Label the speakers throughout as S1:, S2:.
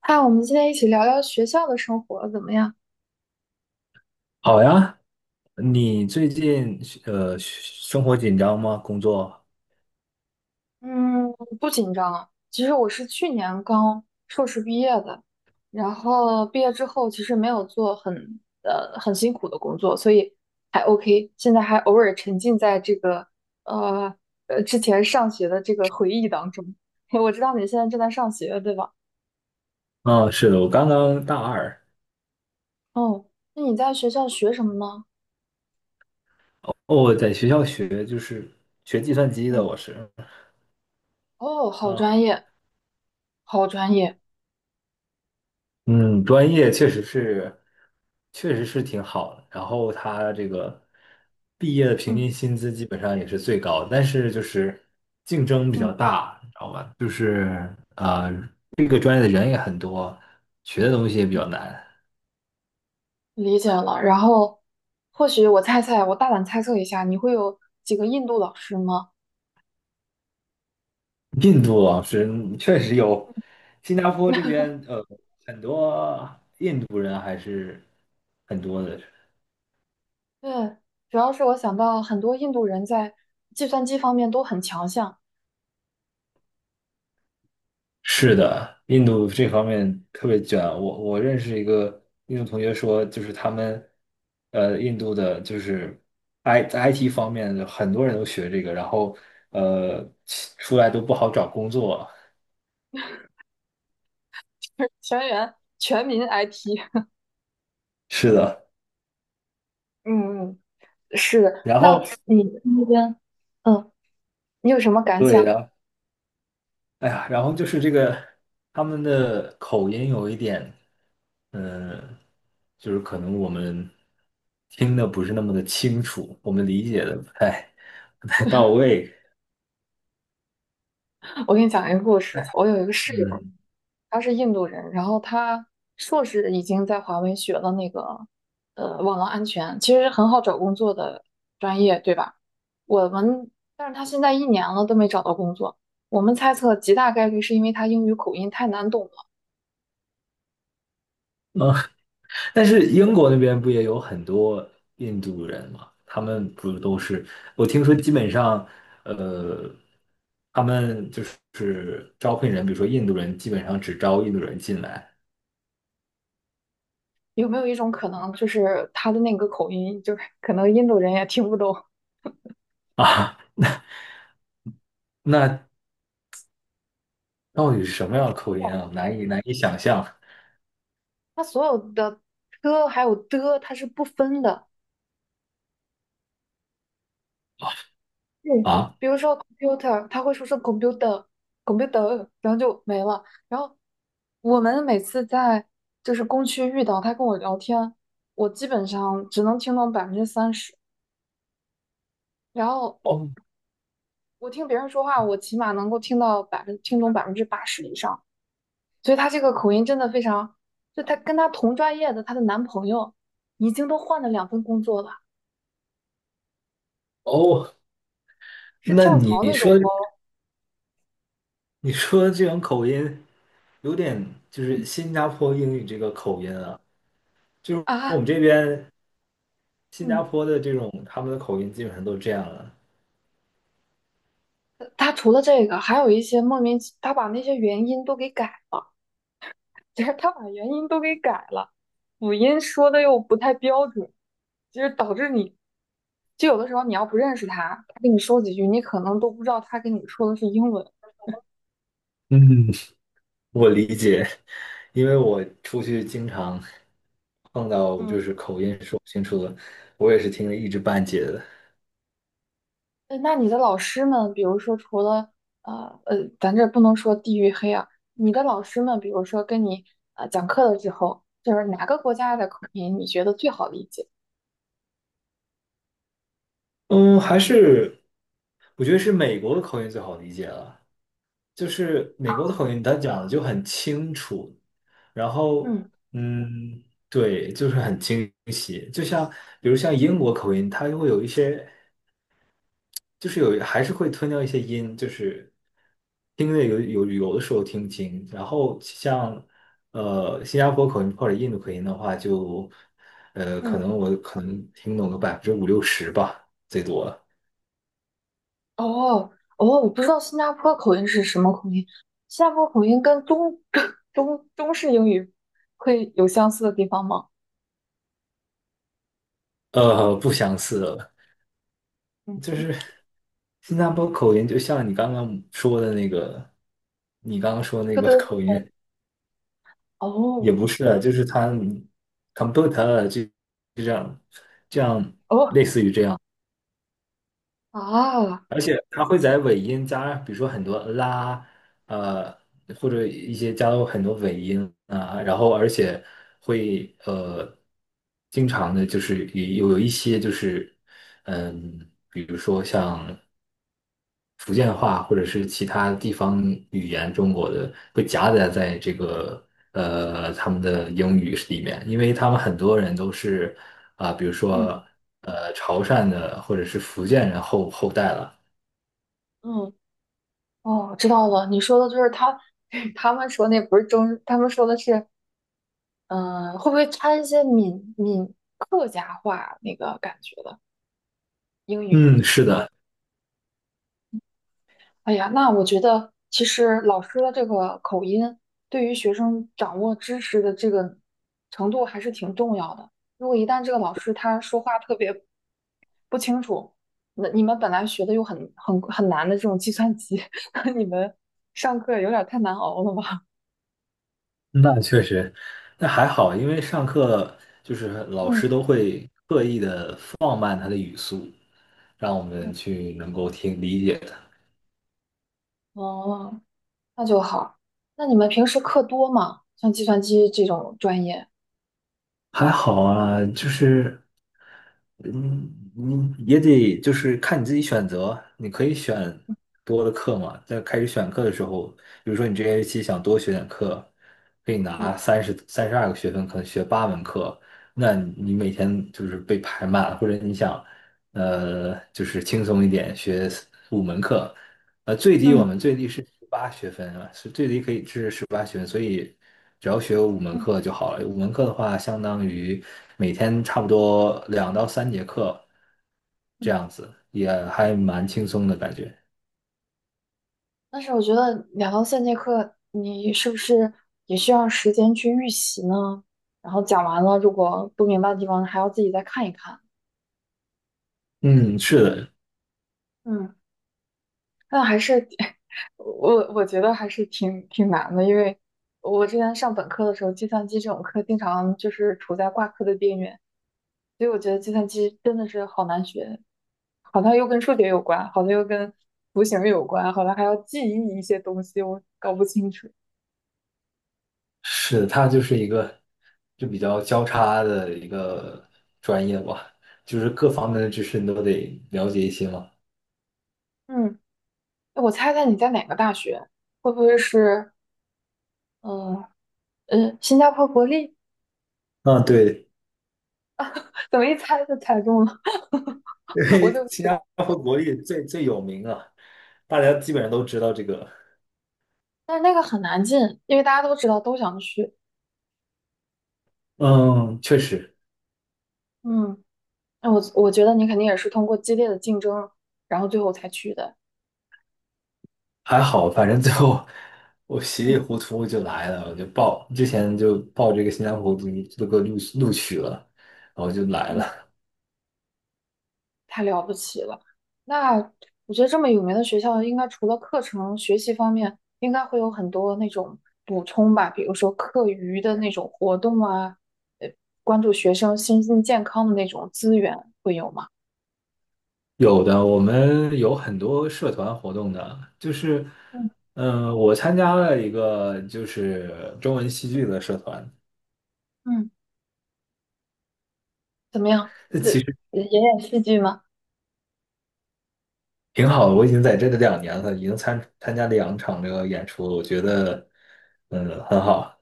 S1: 嗨，我们今天一起聊聊学校的生活怎么样？
S2: 好呀，你最近生活紧张吗？工作？
S1: 嗯，不紧张啊。其实我是去年刚硕士毕业的，然后毕业之后其实没有做很辛苦的工作，所以还 OK。现在还偶尔沉浸在呃之前上学的这个回忆当中。我知道你现在正在上学，对吧？
S2: 啊，是的，我刚刚大二。
S1: 哦，那你在学校学什么呢？
S2: 哦，我在学校学就是学计算机的，
S1: 嗯，
S2: 我是
S1: 哦，好专
S2: 啊。
S1: 业，好专业。
S2: 嗯，专业确实是挺好的，然后他这个毕业的平
S1: 嗯
S2: 均薪资基本上也是最高的，但是就是竞争比较
S1: 嗯，
S2: 大，你知道吧？就是啊，这个专业的人也很多，学的东西也比较难。
S1: 理解了。然后，或许我猜猜，我大胆猜测一下，你会有几个印度老师吗？
S2: 印度老师嗯确实有，新加坡这边很多印度人还是很多的。
S1: 对，主要是我想到很多印度人在计算机方面都很强项。
S2: 是的，印度这方面特别卷。我认识一个印度同学说，就是他们印度的就是 IT 方面的很多人都学这个，然后呃出来都不好找工作。
S1: 全员全民 IT。
S2: 是的，
S1: 嗯嗯，是的。
S2: 然
S1: 那
S2: 后
S1: 你那边，嗯，你有什么感
S2: 对，
S1: 想？
S2: 然后哎呀，然后就是这个他们的口音有一点，嗯，就是可能我们听的不是那么的清楚，我们理解的不太到位，
S1: 我给你讲一个故事。我有一个室友，
S2: 嗯
S1: 他是印度人，然后他硕士已经在华为学了那个网络安全，其实很好找工作的专业，对吧？我们，但是他现在一年了都没找到工作，我们猜测极大概率是因为他英语口音太难懂了。
S2: 啊。但是英国那边不也有很多印度人嘛？他们不都是，我听说基本上，呃，他们就是招聘人，比如说印度人，基本上只招印度人进来。
S1: 有没有一种可能，就是他的那个口音，就是可能印度人也听不懂？
S2: 啊。那到底是什么样的口音啊？难以想象
S1: 他所有的 t 还有的，他是不分的。嗯，
S2: 啊！
S1: 比如说 computer,他会说是 computer，computer，然后就没了。然后我们每次在就是工区遇到他跟我聊天，我基本上只能听懂30%，然后
S2: 哦
S1: 我听别人说话，我起码能够听懂80%以上。所以他这个口音真的非常，就他跟他同专业的她的男朋友已经都换了2份工作了，
S2: 哦，
S1: 是
S2: 那
S1: 跳槽
S2: 你
S1: 那种
S2: 说
S1: 哦。
S2: 的这种口音，有点就是
S1: 嗯
S2: 新加坡英语这个口音啊，就是我们
S1: 啊，
S2: 这边新加
S1: 嗯。
S2: 坡的这种他们的口音基本上都这样了。
S1: 他除了这个，还有一些莫名其，他把那些元音都给改，就是他把元音都给改了，辅音说的又不太标准，就是导致你，就有的时候你要不认识他，他跟你说几句，你可能都不知道他跟你说的是英文。
S2: 嗯，我理解，因为我出去经常碰到就
S1: 嗯，
S2: 是口音说不清楚的，我也是听得一知半解的。
S1: 那你的老师们，比如说除了咱这不能说地域黑啊，你的老师们，比如说跟你讲课的时候，就是哪个国家的口音你觉得最好理解？
S2: 嗯，还是我觉得是美国的口音最好理解了，就是美国的口音，他讲的就很清楚，然后
S1: 嗯
S2: 嗯，对，就是很清晰。就像比如像英国口音，它会有一些，就是有还是会吞掉一些音，就是听的有的时候听不清。然后像新加坡口音或者印度口音的话就，可
S1: 嗯。
S2: 能我可能听懂个百分之50到60%吧，最多。
S1: 哦哦，我不知道新加坡口音是什么口音。新加坡口音跟中式英语会有相似的地方吗？
S2: 呃，不相似，就是
S1: 嗯，
S2: 新加坡口音，就像你刚刚说的那个，你刚刚说的那
S1: 特
S2: 个
S1: 特
S2: 口音，也
S1: 哦
S2: 不是啊，就是他 computer 啊就这样这样，
S1: 哦啊，
S2: 而且他会在尾音加，比如说很多啦，呃，或者一些加入很多尾音啊，然后而且会经常的就是有一些就是，嗯，比如说像。福建话或者是其他地方语言中国的会夹杂在这个他们的英语里面，因为他们很多人都是啊、比如
S1: 嗯
S2: 说潮汕的或者是福建人后代了。
S1: 嗯，哦，知道了。你说的就是他们说那不是中，他们说的是会不会掺一些客家话那个感觉的英语？
S2: 嗯，是的，
S1: 哎呀，那我觉得其实老师的这个口音对于学生掌握知识的这个程度还是挺重要的。如果一旦这个老师他说话特别不清楚，那你们本来学的又很难的这种计算机，那你们上课有点太难熬了吧？
S2: 那确实，那还好，因为上课就是老
S1: 嗯，
S2: 师都会刻意的放慢他的语速，让我
S1: 嗯，
S2: 们去能够听理解的。
S1: 哦，那就好。那你们平时课多吗？像计算机这种专业？
S2: 还好啊，就是。嗯，你也得就是看你自己选择，你可以选多的课嘛。在开始选课的时候，比如说你这学期想多学点课，可以
S1: 嗯
S2: 拿三十二个学分，可能学八门课，那你每天就是被排满，或者你想，呃，就是轻松一点学最低我
S1: 嗯
S2: 们最低是十八学分啊，是最低可以是十八学分，所以只要学五门
S1: 嗯
S2: 课就好了。五门课的话，相当于每天差不多两到三节课这
S1: 嗯。
S2: 样子，也还蛮轻松的感觉。
S1: 但是我觉得2到3节课，你是不是也需要时间去预习呢？然后讲完了，如果不明白的地方，还要自己再看一看。
S2: 嗯，是的，
S1: 嗯，那还是 我觉得还是挺难的，因为我之前上本科的时候，计算机这种课经常就是处在挂科的边缘，所以我觉得计算机真的是好难学，好像又跟数学有关，好像又跟图形有关，好像还要记忆一些东西，我搞不清楚。
S2: 是的，它就是一个就比较交叉的一个专业吧，就是各方面的知识你都得了解一些嘛。
S1: 嗯。我猜猜你在哪个大学？会不会是嗯新加坡国立？
S2: 嗯，对，
S1: 怎么一猜就猜中了？
S2: 因
S1: 我
S2: 为
S1: 就
S2: 新
S1: 知
S2: 加
S1: 道，
S2: 坡国力最有名啊，大家基本上都知道这个。
S1: 但是那个很难进，因为大家都知道都想去。
S2: 嗯，确实
S1: 嗯，那我觉得你肯定也是通过激烈的竞争，然后最后才去的。
S2: 还好，反正最后我稀里
S1: 嗯
S2: 糊涂就来了，我就报之前就报这个新疆坡读这个录取了，然后就来
S1: 嗯。
S2: 了。
S1: 太了不起了。那我觉得这么有名的学校，应该除了课程学习方面，应该会有很多那种补充吧，比如说课余的那种活动啊，呃，关注学生身心健康的那种资源会有吗？
S2: 有的，我们有很多社团活动的，就是，
S1: 嗯
S2: 嗯、我参加了一个就是中文戏剧的社团，
S1: 嗯，怎么样？
S2: 这
S1: 这
S2: 其实
S1: 演演戏剧吗？
S2: 挺好的。我已经在这里两年了，已经参加了两场这个演出了我觉得，嗯，很好。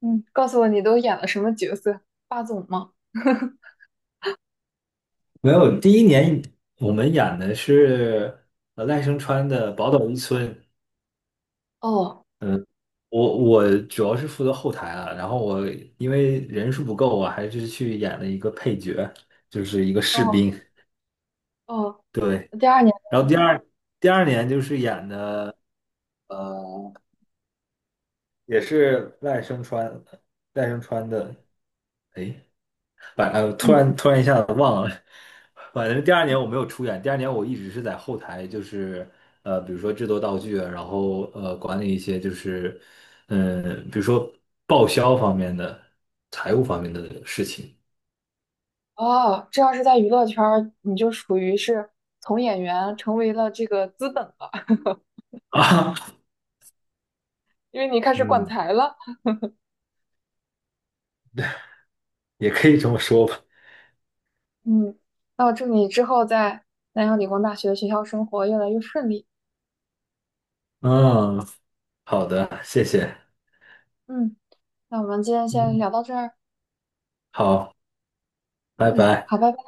S1: 嗯，告诉我你都演了什么角色？霸总吗？
S2: 没有，第一年我们演的是赖声川的《宝岛一村》，
S1: 哦
S2: 嗯，我主要是负责后台啊，然后我因为人数不够，我还是去演了一个配角，就是一个士
S1: 哦
S2: 兵，
S1: 哦，
S2: 对。
S1: 第二年，
S2: 然后第二年就是演的呃，也是赖声川，赖声川的，哎，反正
S1: 嗯。
S2: 突然一下子忘了，反正第二年我没有出演，第二年我一直是在后台，就是比如说制作道具啊，然后管理一些就是嗯、比如说报销方面的、财务方面的事情
S1: 哦，这要是在娱乐圈儿，你就属于是从演员成为了这个资本了，
S2: 啊。
S1: 因为你开 始管
S2: 嗯，
S1: 财了。
S2: 也可以这么说吧。
S1: 嗯，那我祝你之后在南洋理工大学的学校生活越来越顺利。
S2: 嗯，好的，谢谢。
S1: 嗯，那我们今天先
S2: 嗯，
S1: 聊到这儿。
S2: 好，拜
S1: 嗯，
S2: 拜。
S1: 好，拜拜。